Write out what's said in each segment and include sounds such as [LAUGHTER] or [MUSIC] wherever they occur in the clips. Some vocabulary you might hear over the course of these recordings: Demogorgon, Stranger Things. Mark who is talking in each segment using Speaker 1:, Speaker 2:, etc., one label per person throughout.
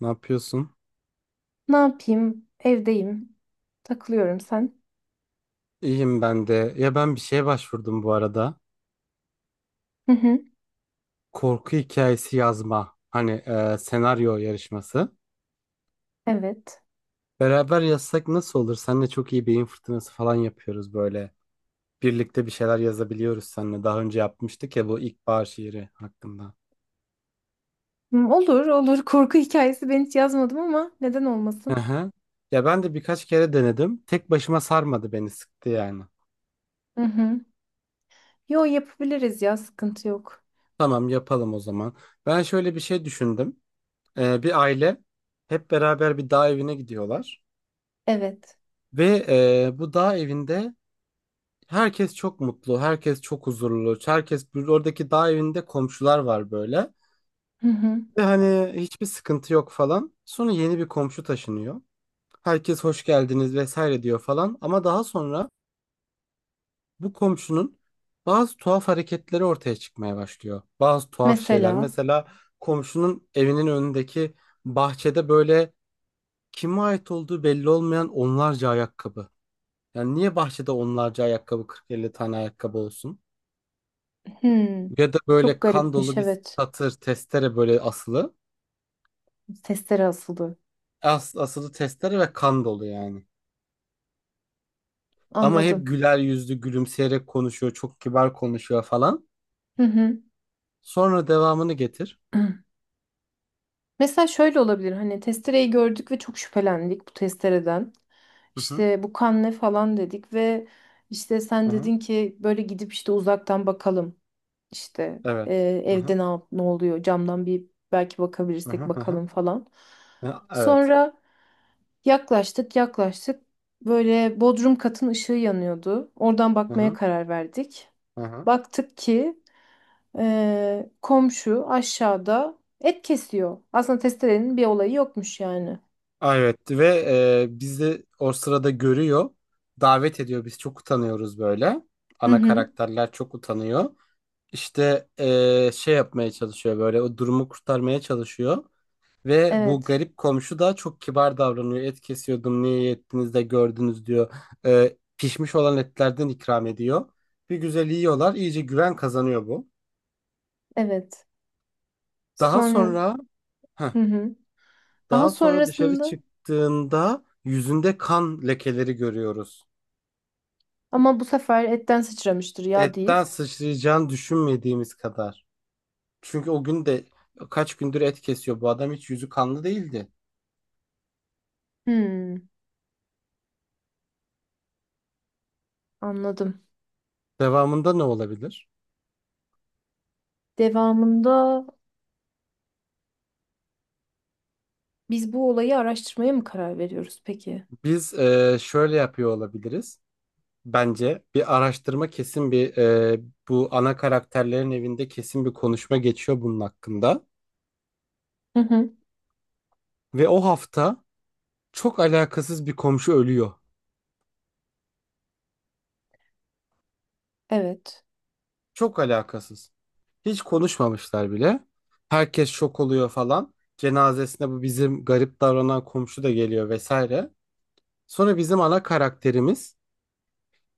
Speaker 1: Ne yapıyorsun?
Speaker 2: Ne yapayım? Evdeyim. Takılıyorum sen.
Speaker 1: İyiyim ben de. Ya ben bir şeye başvurdum bu arada.
Speaker 2: Hı hı.
Speaker 1: Korku hikayesi yazma. Hani senaryo yarışması.
Speaker 2: Evet.
Speaker 1: Beraber yazsak nasıl olur? Seninle çok iyi beyin fırtınası falan yapıyoruz böyle. Birlikte bir şeyler yazabiliyoruz seninle. Daha önce yapmıştık ya bu ilkbahar şiiri hakkında.
Speaker 2: Hmm, olur, olur. Korku hikayesi ben hiç yazmadım ama neden
Speaker 1: Hı
Speaker 2: olmasın?
Speaker 1: hı. Ya ben de birkaç kere denedim. Tek başıma sarmadı beni sıktı yani.
Speaker 2: Hı hı. Yo, yapabiliriz ya, sıkıntı yok.
Speaker 1: Tamam yapalım o zaman. Ben şöyle bir şey düşündüm. Bir aile hep beraber bir dağ evine gidiyorlar.
Speaker 2: Evet.
Speaker 1: Ve bu dağ evinde herkes çok mutlu, herkes çok huzurlu, herkes oradaki dağ evinde komşular var böyle.
Speaker 2: Hı hı.
Speaker 1: Ve hani hiçbir sıkıntı yok falan. Sonra yeni bir komşu taşınıyor. Herkes hoş geldiniz vesaire diyor falan. Ama daha sonra bu komşunun bazı tuhaf hareketleri ortaya çıkmaya başlıyor. Bazı tuhaf şeyler.
Speaker 2: Mesela.
Speaker 1: Mesela komşunun evinin önündeki bahçede böyle kime ait olduğu belli olmayan onlarca ayakkabı. Yani niye bahçede onlarca ayakkabı 40-50 tane ayakkabı olsun?
Speaker 2: Hmm.
Speaker 1: Ya da
Speaker 2: Çok
Speaker 1: böyle kan
Speaker 2: garipmiş,
Speaker 1: dolu bir
Speaker 2: evet.
Speaker 1: satır testere böyle asılı.
Speaker 2: Testere asılı.
Speaker 1: Asılı testere ve kan dolu yani. Ama hep
Speaker 2: Anladım.
Speaker 1: güler yüzlü gülümseyerek konuşuyor. Çok kibar konuşuyor falan.
Speaker 2: Hı hı.
Speaker 1: Sonra devamını getir.
Speaker 2: [CLEARS THROAT] Hı. Mesela şöyle olabilir. Hani testereyi gördük ve çok şüphelendik bu testereden.
Speaker 1: Hı hı.
Speaker 2: İşte bu kan ne falan dedik ve işte sen
Speaker 1: Hı hı.
Speaker 2: dedin ki böyle gidip işte uzaktan bakalım. İşte
Speaker 1: Evet. Hı hı.
Speaker 2: evde ne oluyor, camdan bir belki
Speaker 1: Hı
Speaker 2: bakabilirsek
Speaker 1: hı. Hı hı.
Speaker 2: bakalım falan.
Speaker 1: Hı, evet.
Speaker 2: Sonra yaklaştık, böyle bodrum katın ışığı yanıyordu. Oradan
Speaker 1: Hı
Speaker 2: bakmaya
Speaker 1: hı.
Speaker 2: karar verdik.
Speaker 1: Hı hı.
Speaker 2: Baktık ki komşu aşağıda et kesiyor. Aslında testerenin bir olayı yokmuş yani.
Speaker 1: Aa, evet ve bizi o sırada görüyor. Davet ediyor. Biz çok utanıyoruz böyle.
Speaker 2: Hı
Speaker 1: Ana
Speaker 2: hı.
Speaker 1: karakterler çok utanıyor. İşte şey yapmaya çalışıyor böyle o durumu kurtarmaya çalışıyor. Ve bu
Speaker 2: Evet.
Speaker 1: garip komşu da çok kibar davranıyor. Et kesiyordum niye ettiniz de gördünüz diyor. Pişmiş olan etlerden ikram ediyor. Bir güzel yiyorlar iyice güven kazanıyor bu.
Speaker 2: Evet.
Speaker 1: Daha
Speaker 2: Sonra,
Speaker 1: sonra heh,
Speaker 2: hı hı. Daha
Speaker 1: daha sonra dışarı
Speaker 2: sonrasında,
Speaker 1: çıktığında yüzünde kan lekeleri görüyoruz.
Speaker 2: ama bu sefer etten sıçramıştır ya
Speaker 1: Etten
Speaker 2: deyip.
Speaker 1: sıçrayacağını düşünmediğimiz kadar. Çünkü o gün de kaç gündür et kesiyor bu adam hiç yüzü kanlı değildi.
Speaker 2: Hmm, anladım.
Speaker 1: Devamında ne olabilir?
Speaker 2: Devamında biz bu olayı araştırmaya mı karar veriyoruz peki?
Speaker 1: Biz şöyle yapıyor olabiliriz. Bence bir araştırma kesin bir bu ana karakterlerin evinde kesin bir konuşma geçiyor bunun hakkında.
Speaker 2: Hı hı.
Speaker 1: Ve o hafta çok alakasız bir komşu ölüyor.
Speaker 2: Evet.
Speaker 1: Çok alakasız. Hiç konuşmamışlar bile. Herkes şok oluyor falan. Cenazesine bu bizim garip davranan komşu da geliyor vesaire. Sonra bizim ana karakterimiz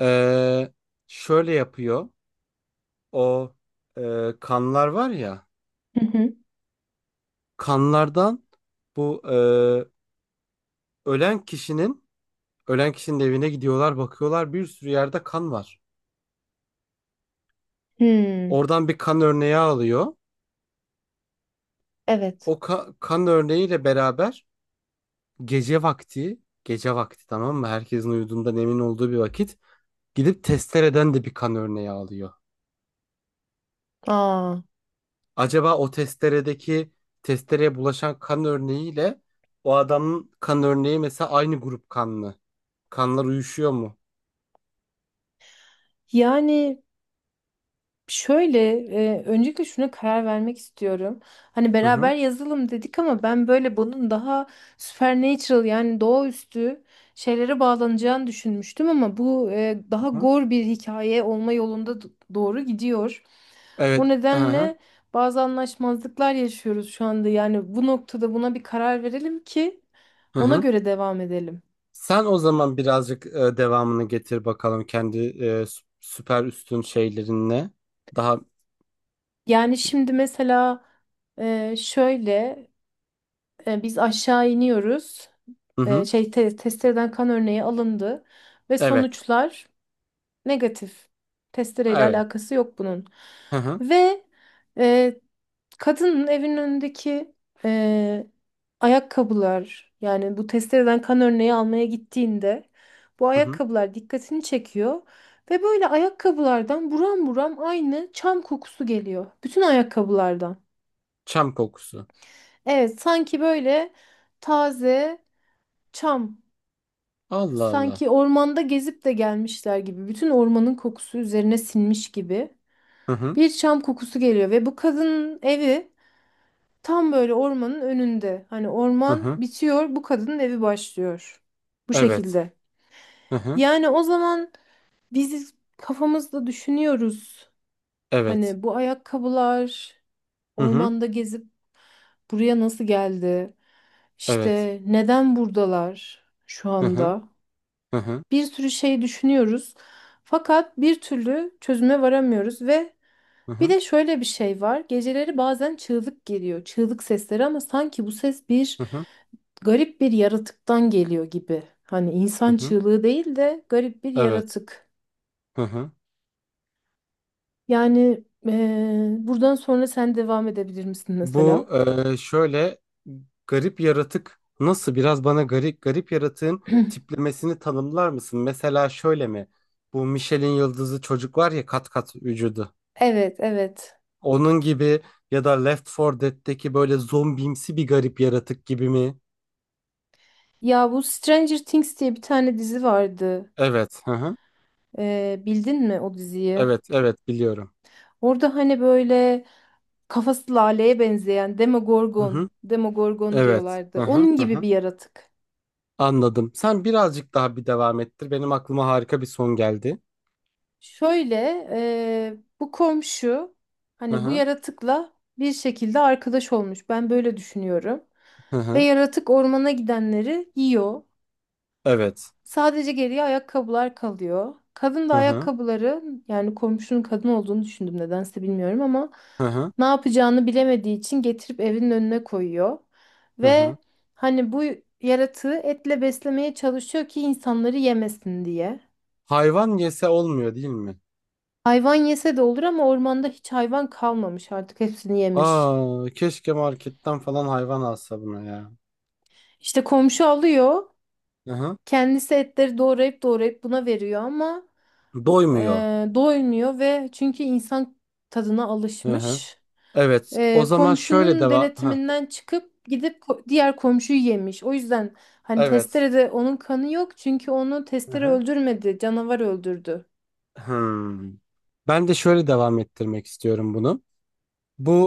Speaker 1: e, şöyle yapıyor. O kanlar var ya.
Speaker 2: Hı hı.
Speaker 1: Kanlardan bu ölen kişinin ölen kişinin evine gidiyorlar bakıyorlar bir sürü yerde kan var.
Speaker 2: Hmm.
Speaker 1: Oradan bir kan örneği alıyor.
Speaker 2: Evet.
Speaker 1: Kan örneğiyle beraber gece vakti tamam mı? Herkesin uyuduğundan emin olduğu bir vakit gidip testereden de bir kan örneği alıyor.
Speaker 2: Aa.
Speaker 1: Acaba o testereye bulaşan kan örneğiyle o adamın kan örneği mesela aynı grup kanlı. Kanlar uyuşuyor mu?
Speaker 2: Yani şöyle, öncelikle şuna karar vermek istiyorum. Hani
Speaker 1: Hı hı.
Speaker 2: beraber yazalım dedik ama ben böyle bunun daha supernatural, yani doğaüstü şeylere bağlanacağını düşünmüştüm ama bu daha
Speaker 1: Hı hı.
Speaker 2: gore bir hikaye olma yolunda doğru gidiyor.
Speaker 1: Evet.
Speaker 2: O
Speaker 1: Hı hı.
Speaker 2: nedenle bazı anlaşmazlıklar yaşıyoruz şu anda. Yani bu noktada buna bir karar verelim ki
Speaker 1: Hı
Speaker 2: ona
Speaker 1: hı.
Speaker 2: göre devam edelim.
Speaker 1: Sen o zaman birazcık devamını getir bakalım kendi süper üstün şeylerinle. Daha
Speaker 2: Yani şimdi mesela şöyle. Biz aşağı iniyoruz.
Speaker 1: hı hı.
Speaker 2: Testereden kan örneği alındı ve
Speaker 1: Evet.
Speaker 2: sonuçlar negatif. Testereyle
Speaker 1: Evet.
Speaker 2: alakası yok bunun.
Speaker 1: Hı hı.
Speaker 2: Ve e, kadının evinin önündeki e, ayakkabılar, yani bu testereden kan örneği almaya gittiğinde bu
Speaker 1: Hı hı.
Speaker 2: ayakkabılar dikkatini çekiyor ve böyle ayakkabılardan buram buram aynı çam kokusu geliyor. Bütün ayakkabılardan.
Speaker 1: Çam kokusu.
Speaker 2: Evet, sanki böyle taze çam.
Speaker 1: Allah Allah.
Speaker 2: Sanki ormanda gezip de gelmişler gibi. Bütün ormanın kokusu üzerine sinmiş gibi.
Speaker 1: Hı hı.
Speaker 2: Bir çam kokusu geliyor ve bu kadının evi tam böyle ormanın önünde. Hani
Speaker 1: Hı
Speaker 2: orman
Speaker 1: hı.
Speaker 2: bitiyor, bu kadının evi başlıyor. Bu
Speaker 1: Evet.
Speaker 2: şekilde.
Speaker 1: Hı hı.
Speaker 2: Yani o zaman biz kafamızda düşünüyoruz.
Speaker 1: Evet.
Speaker 2: Hani bu ayakkabılar
Speaker 1: Hı hı.
Speaker 2: ormanda gezip buraya nasıl geldi?
Speaker 1: Evet.
Speaker 2: İşte neden buradalar şu
Speaker 1: Hı hı.
Speaker 2: anda?
Speaker 1: Hı hı.
Speaker 2: Bir sürü şey düşünüyoruz. Fakat bir türlü çözüme varamıyoruz ve
Speaker 1: Hı
Speaker 2: bir
Speaker 1: hı.
Speaker 2: de şöyle bir şey var. Geceleri bazen çığlık geliyor. Çığlık sesleri, ama sanki bu ses bir
Speaker 1: Hı hı.
Speaker 2: garip bir yaratıktan geliyor gibi. Hani
Speaker 1: Hı
Speaker 2: insan
Speaker 1: hı.
Speaker 2: çığlığı değil de garip bir
Speaker 1: Evet.
Speaker 2: yaratık.
Speaker 1: Hı hı.
Speaker 2: Yani buradan sonra sen devam edebilir misin mesela?
Speaker 1: Bu şöyle garip yaratık nasıl biraz bana garip yaratığın
Speaker 2: [CLEARS THROAT]
Speaker 1: tiplemesini tanımlar mısın? Mesela şöyle mi? Bu Michelin yıldızı çocuk var ya kat kat vücudu.
Speaker 2: Evet, evet.
Speaker 1: Onun gibi ya da Left 4 Dead'teki böyle zombimsi bir garip yaratık gibi mi?
Speaker 2: Ya bu Stranger Things diye bir tane dizi vardı.
Speaker 1: Evet. Hı hı.
Speaker 2: Bildin mi o diziyi?
Speaker 1: Evet, evet biliyorum.
Speaker 2: Orada hani böyle kafası laleye benzeyen
Speaker 1: Hı
Speaker 2: Demogorgon,
Speaker 1: hı.
Speaker 2: Demogorgon
Speaker 1: Evet.
Speaker 2: diyorlardı.
Speaker 1: Hı hı.
Speaker 2: Onun
Speaker 1: Hı
Speaker 2: gibi
Speaker 1: hı.
Speaker 2: bir yaratık.
Speaker 1: Anladım. Sen birazcık daha bir devam ettir. Benim aklıma harika bir son geldi.
Speaker 2: Şöyle, bu komşu
Speaker 1: Hı
Speaker 2: hani bu
Speaker 1: hı.
Speaker 2: yaratıkla bir şekilde arkadaş olmuş. Ben böyle düşünüyorum.
Speaker 1: Hı
Speaker 2: Ve
Speaker 1: hı.
Speaker 2: yaratık ormana gidenleri yiyor.
Speaker 1: Evet.
Speaker 2: Sadece geriye ayakkabılar kalıyor. Kadın da
Speaker 1: Hı hı.
Speaker 2: ayakkabıları, yani komşunun kadın olduğunu düşündüm nedense bilmiyorum, ama
Speaker 1: Hı hı.
Speaker 2: ne yapacağını bilemediği için getirip evinin önüne koyuyor.
Speaker 1: Hı
Speaker 2: Ve
Speaker 1: hı.
Speaker 2: hani bu yaratığı etle beslemeye çalışıyor ki insanları yemesin diye.
Speaker 1: Hayvan yese olmuyor değil mi?
Speaker 2: Hayvan yese de olur ama ormanda hiç hayvan kalmamış, artık hepsini yemiş.
Speaker 1: Aa, keşke marketten falan hayvan alsa buna ya.
Speaker 2: İşte komşu alıyor,
Speaker 1: Hı hı.
Speaker 2: kendisi etleri doğrayıp doğrayıp buna veriyor ama e,
Speaker 1: Doymuyor.
Speaker 2: doymuyor ve çünkü insan tadına
Speaker 1: Hı hı.
Speaker 2: alışmış.
Speaker 1: Evet. O zaman şöyle
Speaker 2: Komşunun
Speaker 1: devam. Hı.
Speaker 2: denetiminden çıkıp gidip diğer komşuyu yemiş. O yüzden hani
Speaker 1: Evet.
Speaker 2: testerede onun kanı yok, çünkü onu
Speaker 1: Hı
Speaker 2: testere
Speaker 1: hı.
Speaker 2: öldürmedi, canavar öldürdü.
Speaker 1: Hmm. Ben de şöyle devam ettirmek istiyorum bunu.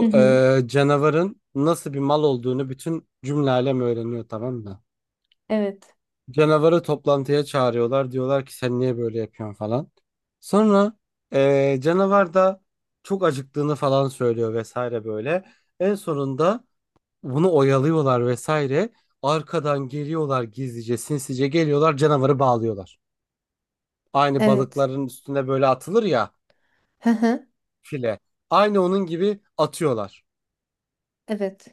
Speaker 2: Hı hı.
Speaker 1: canavarın nasıl bir mal olduğunu bütün cümle alem öğreniyor tamam mı?
Speaker 2: Evet.
Speaker 1: Canavarı toplantıya çağırıyorlar. Diyorlar ki sen niye böyle yapıyorsun falan. Sonra canavar da çok acıktığını falan söylüyor vesaire böyle. En sonunda bunu oyalıyorlar vesaire. Arkadan geliyorlar gizlice sinsice canavarı bağlıyorlar. Aynı
Speaker 2: Evet.
Speaker 1: balıkların üstüne böyle atılır ya
Speaker 2: Hı hı.
Speaker 1: file. Aynı onun gibi atıyorlar.
Speaker 2: Evet.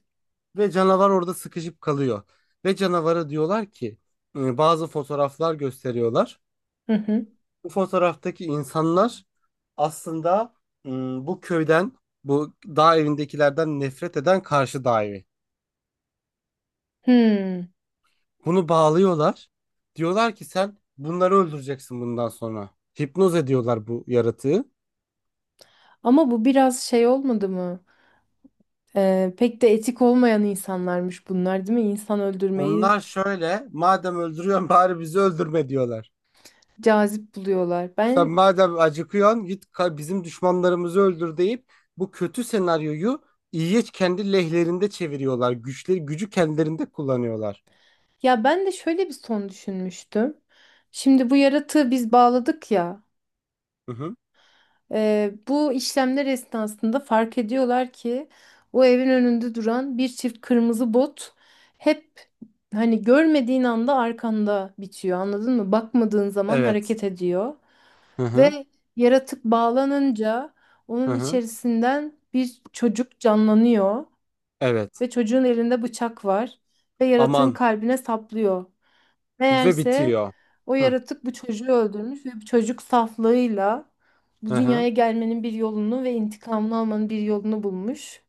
Speaker 1: Ve canavar orada sıkışıp kalıyor. Ve canavara diyorlar ki bazı fotoğraflar gösteriyorlar.
Speaker 2: Hı hı.
Speaker 1: Bu fotoğraftaki insanlar aslında bu köyden, bu dağ evindekilerden nefret eden karşı dağ evi.
Speaker 2: Hmm.
Speaker 1: Bunu bağlıyorlar. Diyorlar ki sen bunları öldüreceksin bundan sonra. Hipnoz ediyorlar bu yaratığı.
Speaker 2: Ama bu biraz şey olmadı mı? Pek de etik olmayan insanlarmış bunlar, değil mi? İnsan öldürmeyi
Speaker 1: Onlar şöyle, madem öldürüyorsun [LAUGHS] bari bizi öldürme diyorlar.
Speaker 2: cazip buluyorlar.
Speaker 1: Sen
Speaker 2: Ben.
Speaker 1: madem acıkıyorsun bizim düşmanlarımızı öldür deyip bu kötü senaryoyu iyiye kendi lehlerinde çeviriyorlar. Gücü kendilerinde kullanıyorlar.
Speaker 2: Ya ben de şöyle bir son düşünmüştüm. Şimdi bu yaratığı biz bağladık ya.
Speaker 1: Hı hı.
Speaker 2: Bu işlemler esnasında fark ediyorlar ki o evin önünde duran bir çift kırmızı bot hep, hani görmediğin anda arkanda bitiyor. Anladın mı? Bakmadığın zaman
Speaker 1: Evet.
Speaker 2: hareket ediyor
Speaker 1: Hı hı.
Speaker 2: ve yaratık bağlanınca
Speaker 1: Hı
Speaker 2: onun
Speaker 1: hı.
Speaker 2: içerisinden bir çocuk canlanıyor
Speaker 1: Evet.
Speaker 2: ve çocuğun elinde bıçak var ve yaratığın
Speaker 1: Aman.
Speaker 2: kalbine saplıyor.
Speaker 1: Ve
Speaker 2: Meğerse
Speaker 1: bitiyor.
Speaker 2: o
Speaker 1: Hı
Speaker 2: yaratık bu çocuğu öldürmüş ve bu çocuk saflığıyla bu
Speaker 1: hı hı.
Speaker 2: dünyaya gelmenin bir yolunu ve intikamını almanın bir yolunu bulmuş.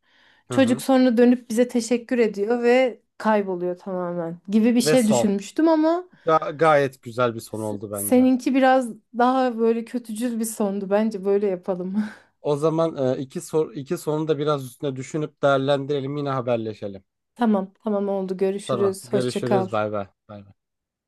Speaker 1: Hı
Speaker 2: Çocuk
Speaker 1: hı.
Speaker 2: sonra dönüp bize teşekkür ediyor ve kayboluyor tamamen, gibi bir
Speaker 1: Ve
Speaker 2: şey
Speaker 1: son.
Speaker 2: düşünmüştüm ama
Speaker 1: Gayet güzel bir son oldu bence.
Speaker 2: seninki biraz daha böyle kötücül bir sondu. Bence böyle yapalım.
Speaker 1: O zaman iki sorunu da biraz üstüne düşünüp değerlendirelim yine haberleşelim.
Speaker 2: [LAUGHS] Tamam, tamam oldu.
Speaker 1: Tamam.
Speaker 2: Görüşürüz. Hoşça kal.
Speaker 1: Görüşürüz. Bay bay. Bay bay.